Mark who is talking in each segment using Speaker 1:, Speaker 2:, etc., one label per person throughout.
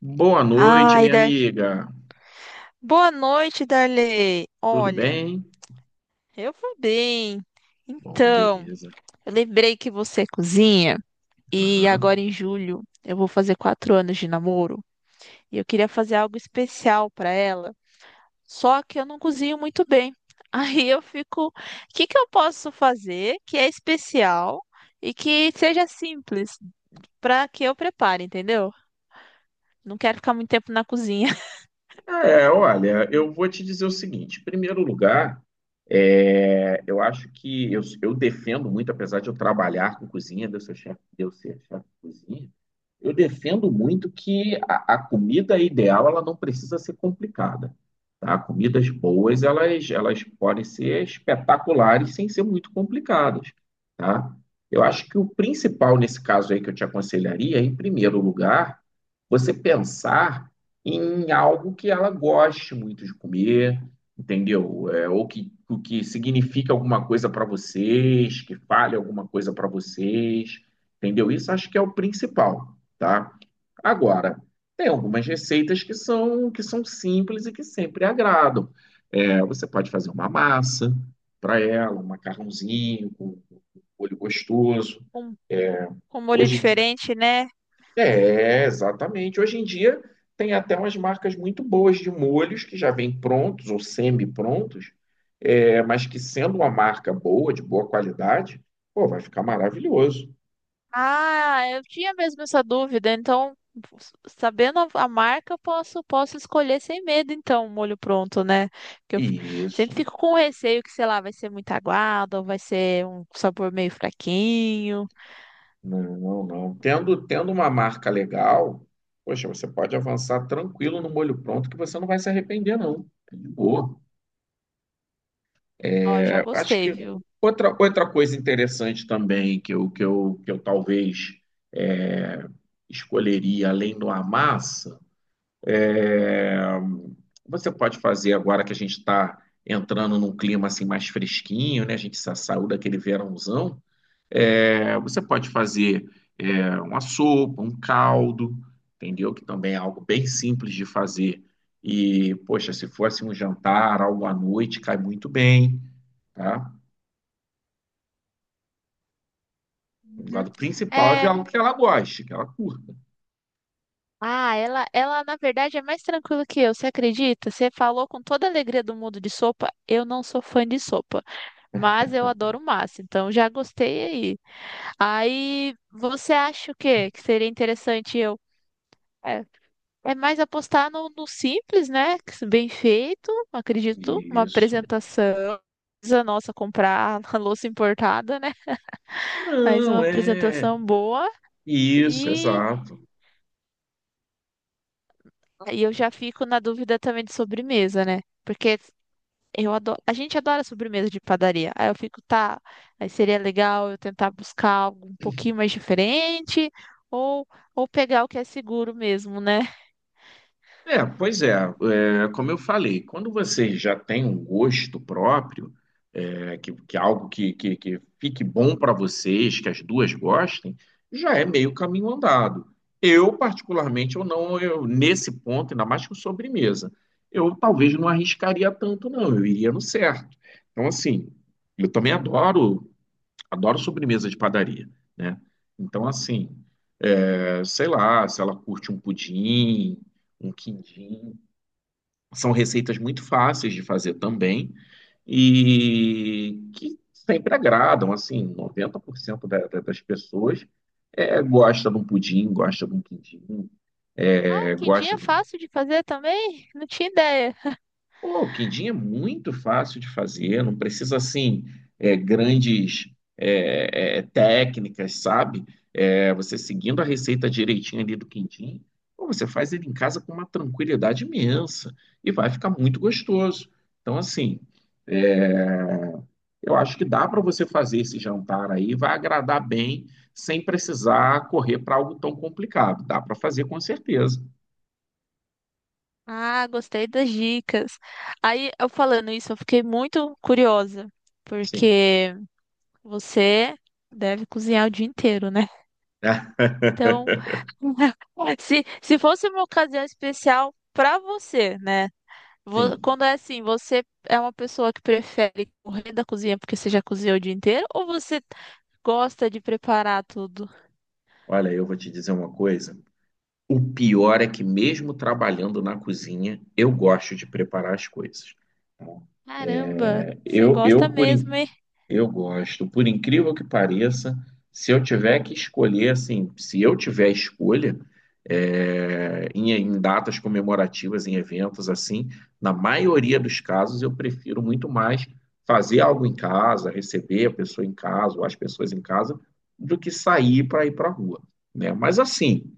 Speaker 1: Boa noite,
Speaker 2: Ai,
Speaker 1: minha
Speaker 2: Dar...
Speaker 1: amiga.
Speaker 2: Boa noite, Darley.
Speaker 1: Tudo
Speaker 2: Olha,
Speaker 1: bem?
Speaker 2: eu vou bem.
Speaker 1: Bom,
Speaker 2: Então,
Speaker 1: beleza.
Speaker 2: eu lembrei que você é cozinha e
Speaker 1: Aham.
Speaker 2: agora em julho eu vou fazer quatro anos de namoro e eu queria fazer algo especial para ela. Só que eu não cozinho muito bem. Aí eu fico, o que que eu posso fazer que é especial e que seja simples para que eu prepare, entendeu? Não quero ficar muito tempo na cozinha.
Speaker 1: Olha, eu vou te dizer o seguinte: em primeiro lugar, eu acho que eu defendo muito, apesar de eu trabalhar com cozinha, de eu ser chefe, de eu ser chefe de cozinha, eu defendo muito que a comida ideal ela não precisa ser complicada, tá? Comidas boas elas podem ser espetaculares sem ser muito complicadas, tá? Eu acho que o principal nesse caso aí que eu te aconselharia, em primeiro lugar, você pensar em algo que ela goste muito de comer, entendeu? É, ou que, o que significa alguma coisa para vocês, que fale alguma coisa para vocês, entendeu? Isso acho que é o principal, tá? Agora, tem algumas receitas que são simples e que sempre agradam. É, você pode fazer uma massa para ela, um macarrãozinho com molho gostoso.
Speaker 2: com,
Speaker 1: É,
Speaker 2: com molho
Speaker 1: Hoje em dia
Speaker 2: diferente, né?
Speaker 1: exatamente. Hoje em dia tem até umas marcas muito boas de molhos que já vêm prontos ou semi-prontos, mas que sendo uma marca boa, de boa qualidade, pô, vai ficar maravilhoso.
Speaker 2: Ah, eu tinha mesmo essa dúvida, então, sabendo a marca, eu posso escolher sem medo, então, o molho pronto, né? Porque eu f- Sempre
Speaker 1: Isso.
Speaker 2: fico com receio que, sei lá, vai ser muito aguado, ou vai ser um sabor meio fraquinho.
Speaker 1: Não, não, não. Tendo uma marca legal, poxa, você pode avançar tranquilo no molho pronto que você não vai se arrepender, não. É de boa.
Speaker 2: Ó, já
Speaker 1: Acho
Speaker 2: gostei,
Speaker 1: que
Speaker 2: viu?
Speaker 1: outra coisa interessante também que eu talvez é, escolheria além do Amassa, é, você pode fazer agora que a gente está entrando num clima assim mais fresquinho, né? A gente saiu daquele verãozão. É, você pode fazer uma sopa, um caldo, entendeu? Que também é algo bem simples de fazer. E, poxa, se fosse um jantar, algo à noite, cai muito bem, tá? O
Speaker 2: Uhum.
Speaker 1: lado principal é ver
Speaker 2: É,
Speaker 1: algo que ela goste, que ela curta.
Speaker 2: ah, ela na verdade é mais tranquila que eu, você acredita? Você falou com toda a alegria do mundo de sopa. Eu não sou fã de sopa, mas eu adoro massa, então já gostei aí. Aí você acha o quê? Que seria interessante eu. É, é mais apostar no simples, né? que se- Bem feito, acredito. Uma
Speaker 1: Isso.
Speaker 2: apresentação. Precisa, nossa, comprar a louça importada, né? Mas uma
Speaker 1: Não, é.
Speaker 2: apresentação boa.
Speaker 1: Isso,
Speaker 2: E,
Speaker 1: exato.
Speaker 2: e eu já fico na dúvida também de sobremesa, né? Porque eu adoro, a gente adora sobremesa de padaria. Aí eu fico, tá, aí seria legal eu tentar buscar algo um pouquinho mais diferente ou, ou pegar o que é seguro mesmo, né?
Speaker 1: Pois é, é, como eu falei, quando você já tem um gosto próprio, que é algo que fique bom para vocês, que as duas gostem, já é meio caminho andado. Eu, particularmente, eu não, eu, nesse ponto, ainda mais com sobremesa, eu talvez não arriscaria tanto, não, eu iria no certo. Então, assim, eu também adoro sobremesa de padaria, né? Então, assim, sei lá, se ela curte um pudim, um quindim, são receitas muito fáceis de fazer também e que sempre agradam, assim, 90% das pessoas gosta de um pudim, gosta de um quindim,
Speaker 2: Ah, o
Speaker 1: é,
Speaker 2: quindim
Speaker 1: gosta
Speaker 2: é fácil de fazer também? Não tinha ideia.
Speaker 1: Pô, o quindim é muito fácil de fazer, não precisa assim grandes técnicas, sabe? É, você seguindo a receita direitinho ali do quindim, pô, você faz ele em casa com uma tranquilidade imensa e vai ficar muito gostoso. Então, assim, eu acho que dá para você fazer esse jantar aí, vai agradar bem, sem precisar correr para algo tão complicado. Dá para fazer com certeza.
Speaker 2: Ah, gostei das dicas. Aí eu falando isso, eu fiquei muito curiosa,
Speaker 1: Sim.
Speaker 2: porque você deve cozinhar o dia inteiro, né? Então, se fosse uma ocasião especial para você, né?
Speaker 1: Sim.
Speaker 2: Quando é assim, você é uma pessoa que prefere correr da cozinha porque você já cozinhou o dia inteiro ou você gosta de preparar tudo?
Speaker 1: Olha, eu vou te dizer uma coisa. O pior é que, mesmo trabalhando na cozinha, eu gosto de preparar as coisas.
Speaker 2: Caramba,
Speaker 1: É,
Speaker 2: você
Speaker 1: Eu, eu,
Speaker 2: gosta
Speaker 1: por,
Speaker 2: mesmo,
Speaker 1: in-
Speaker 2: hein?
Speaker 1: eu gosto, por incrível que pareça, se eu tiver que escolher, assim, se eu tiver escolha, em, em datas comemorativas, em eventos assim, na maioria dos casos eu prefiro muito mais fazer algo em casa, receber a pessoa em casa ou as pessoas em casa, do que sair para ir para a rua, né? Mas assim,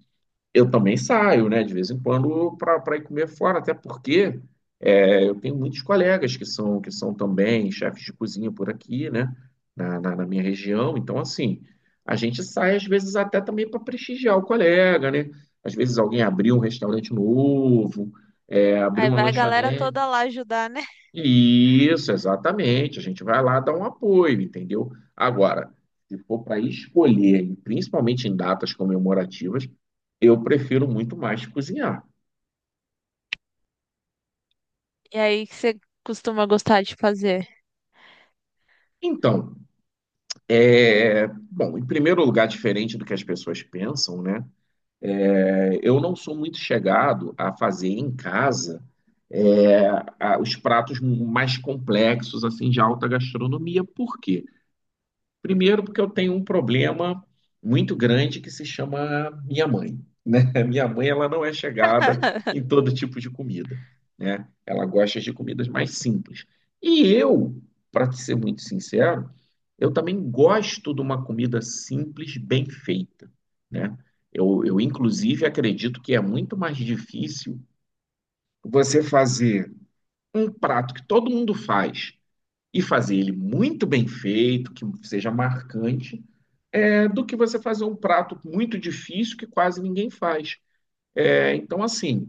Speaker 1: eu também saio, né, de vez em quando para ir comer fora, até porque eu tenho muitos colegas que são também chefes de cozinha por aqui, né, na minha região. Então, assim, a gente sai às vezes até também para prestigiar o colega, né? Às vezes alguém abriu um restaurante novo, abriu
Speaker 2: Aí
Speaker 1: uma
Speaker 2: vai a galera toda
Speaker 1: lanchonete.
Speaker 2: lá ajudar, né?
Speaker 1: Isso, exatamente. A gente vai lá dar um apoio, entendeu? Agora, se for para escolher, e principalmente em datas comemorativas, eu prefiro muito mais cozinhar.
Speaker 2: E aí, o que você costuma gostar de fazer?
Speaker 1: Então, bom, em primeiro lugar, diferente do que as pessoas pensam, né? Eu não sou muito chegado a fazer em casa é, os pratos mais complexos, assim, de alta gastronomia. Por quê? Primeiro, porque eu tenho um problema muito grande que se chama minha mãe, né? Minha mãe, ela não é chegada em todo tipo de comida, né? Ela gosta de comidas mais simples. E eu, para ser muito sincero, eu também gosto de uma comida simples, bem feita, né? Inclusive, acredito que é muito mais difícil você fazer um prato que todo mundo faz e fazer ele muito bem feito, que seja marcante, do que você fazer um prato muito difícil que quase ninguém faz. É, então, assim,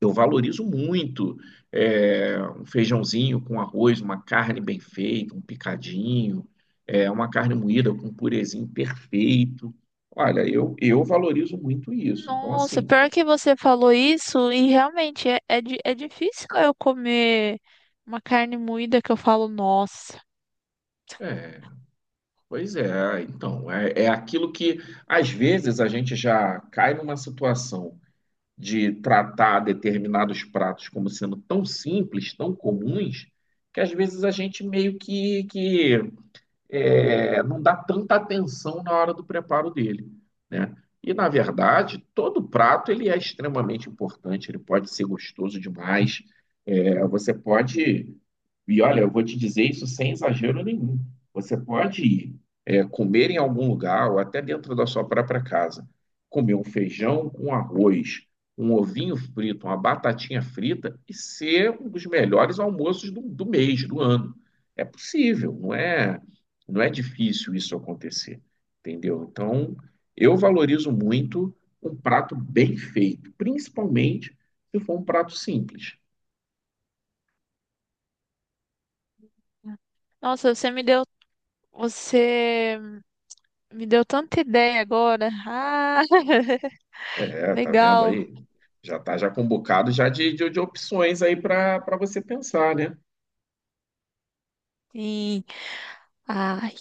Speaker 1: eu valorizo muito um feijãozinho com arroz, uma carne bem feita, um picadinho, uma carne moída com um purezinho perfeito. Olha, eu valorizo muito isso. Então,
Speaker 2: Nossa,
Speaker 1: assim,
Speaker 2: pior que você falou isso, e realmente é, é, é difícil eu comer uma carne moída que eu falo, nossa.
Speaker 1: é, pois é. Então, é, é aquilo que às vezes a gente já cai numa situação de tratar determinados pratos como sendo tão simples, tão comuns, que às vezes a gente meio que não dá tanta atenção na hora do preparo dele, né? E na verdade, todo prato ele é extremamente importante, ele pode ser gostoso demais. É, você pode, e olha, eu vou te dizer isso sem exagero nenhum. Você pode ir comer em algum lugar ou até dentro da sua própria casa, comer um feijão com arroz, um ovinho frito, uma batatinha frita e ser um dos melhores almoços do mês, do ano. É possível, não é? Não é difícil isso acontecer, entendeu? Então, eu valorizo muito um prato bem feito, principalmente se for um prato simples.
Speaker 2: Nossa, você me deu. Você. Me deu tanta ideia agora. Ah,
Speaker 1: É, tá vendo
Speaker 2: legal.
Speaker 1: aí? Já tá já com um bocado já de opções aí para você pensar, né?
Speaker 2: Sim. Ai,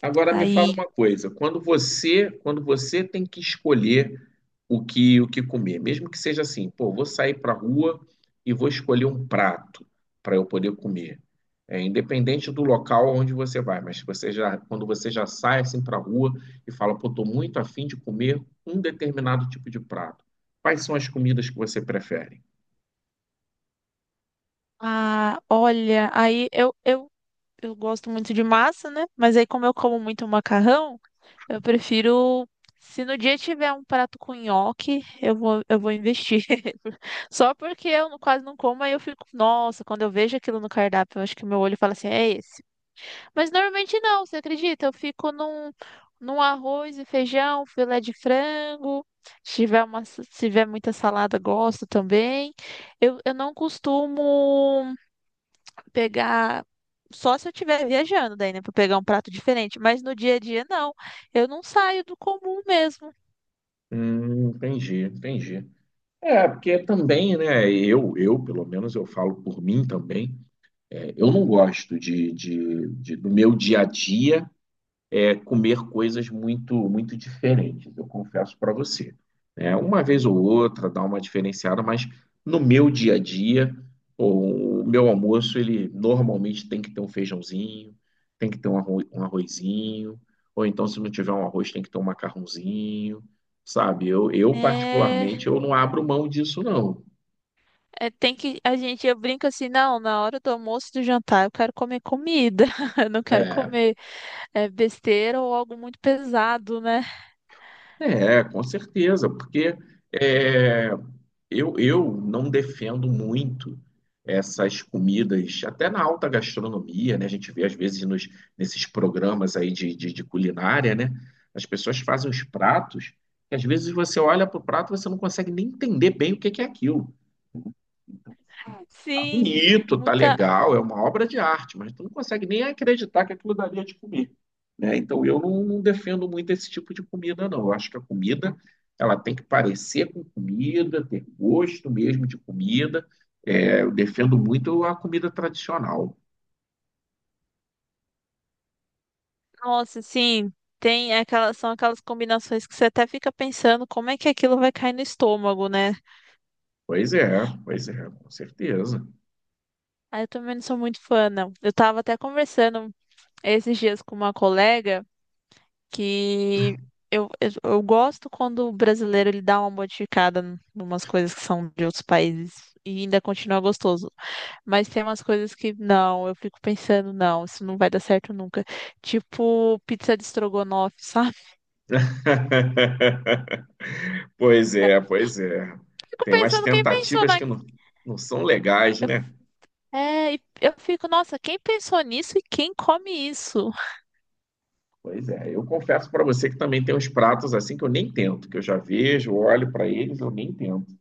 Speaker 1: Agora me fala
Speaker 2: aí.
Speaker 1: uma coisa, quando você tem que escolher o que comer, mesmo que seja assim, pô, vou sair para a rua e vou escolher um prato para eu poder comer. É, independente do local onde você vai, mas você já, quando você já sai assim para a rua e fala, pô, tô muito afim de comer um determinado tipo de prato. Quais são as comidas que você prefere?
Speaker 2: Ah, olha, aí eu gosto muito de massa, né? Mas aí como eu como muito macarrão, eu prefiro se no dia tiver um prato com nhoque, eu vou investir. Só porque eu não- quase não como, aí eu fico, nossa, quando eu vejo aquilo no cardápio, eu acho que meu olho fala assim, é esse. Mas normalmente não, você acredita? Eu fico num, num arroz e feijão, filé de frango. Se tiver uma, se tiver muita salada, gosto também. Eu não costumo pegar. Só se eu estiver viajando, daí, né, para pegar um prato diferente. Mas no dia a dia, não. Eu não saio do comum mesmo.
Speaker 1: Entendi, entendi. É, porque também, né, pelo menos eu falo por mim também, eu não gosto do meu dia a dia comer coisas muito muito diferentes, eu confesso para você. Né? Uma vez ou outra dá uma diferenciada, mas no meu dia a dia, o meu almoço, ele normalmente tem que ter um feijãozinho, tem que ter um arrozinho, ou então se não tiver um arroz, tem que ter um macarrãozinho, sabe? Eu
Speaker 2: É,
Speaker 1: particularmente, eu não abro mão disso, não.
Speaker 2: é, tem que. A gente, eu brinco assim, não, na hora do almoço e do jantar, eu quero comer comida. Eu não quero
Speaker 1: É,
Speaker 2: comer, é, besteira ou algo muito pesado, né?
Speaker 1: com certeza, porque... É, eu não defendo muito essas comidas, até na alta gastronomia, né? A gente vê às vezes nesses programas aí de culinária, né? As pessoas fazem os pratos que às vezes você olha para o prato e você não consegue nem entender bem o que que é aquilo
Speaker 2: Sim,
Speaker 1: bonito, tá
Speaker 2: muita.
Speaker 1: legal, é uma obra de arte, mas tu não consegue nem acreditar que aquilo dali é de comer, né? Então eu não defendo muito esse tipo de comida, não. Eu acho que a comida ela tem que parecer com comida, ter gosto mesmo de comida. É, eu defendo muito a comida tradicional.
Speaker 2: Nossa, sim, tem aquelas, são aquelas combinações que você até fica pensando como é que aquilo vai cair no estômago, né?
Speaker 1: Pois é, com certeza.
Speaker 2: Aí eu também não sou muito fã, não. Eu tava até conversando esses dias com uma colega que eu gosto quando o brasileiro ele dá uma modificada em umas coisas que são de outros países e ainda continua gostoso. Mas tem umas coisas que não, eu fico pensando, não, isso não vai dar certo nunca. Tipo pizza de estrogonofe, sabe?
Speaker 1: Pois é, pois é.
Speaker 2: Fico
Speaker 1: Tem umas
Speaker 2: pensando, quem pensou
Speaker 1: tentativas
Speaker 2: na.
Speaker 1: que não, não são legais,
Speaker 2: Eu,
Speaker 1: né?
Speaker 2: é, e eu fico, nossa, quem pensou nisso e quem come isso?
Speaker 1: Pois é, eu confesso para você que também tem uns pratos assim que eu nem tento, que eu já vejo, olho para eles, eu nem tento.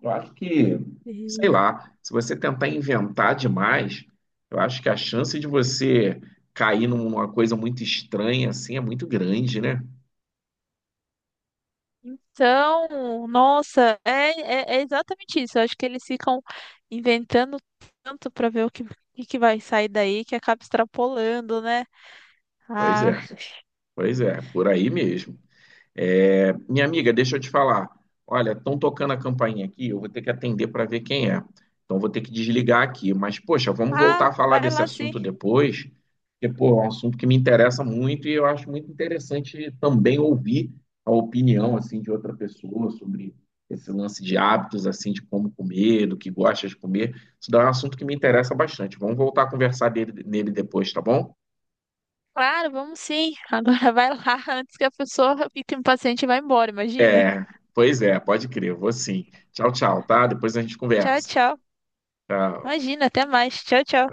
Speaker 1: Eu acho que, sei
Speaker 2: E-
Speaker 1: lá, se você tentar inventar demais, eu acho que a chance de você cair numa coisa muito estranha assim é muito grande, né?
Speaker 2: Então, nossa, é, é, é exatamente isso. Eu acho que eles ficam inventando tanto para ver o que que vai sair daí que acaba extrapolando, né?
Speaker 1: Pois
Speaker 2: Ah,
Speaker 1: é, pois é, por aí mesmo. É, minha amiga, deixa eu te falar. Olha, estão tocando a campainha aqui, eu vou ter que atender para ver quem é. Então vou ter que desligar aqui. Mas, poxa, vamos voltar
Speaker 2: ah,
Speaker 1: a falar
Speaker 2: vai
Speaker 1: desse
Speaker 2: lá sim.
Speaker 1: assunto depois, porque, pô, é um assunto que me interessa muito e eu acho muito interessante também ouvir a opinião, assim, de outra pessoa sobre esse lance de hábitos, assim, de como comer, do que gosta de comer. Isso daí é um assunto que me interessa bastante. Vamos voltar a conversar nele depois, tá bom?
Speaker 2: Claro, vamos sim. Agora vai lá antes que a pessoa fique impaciente e vá embora, imagina.
Speaker 1: É, pois é, pode crer, vou sim. Tchau, tchau, tá? Depois a gente
Speaker 2: Tchau,
Speaker 1: conversa.
Speaker 2: tchau.
Speaker 1: Tchau.
Speaker 2: Imagina, até mais. Tchau, tchau.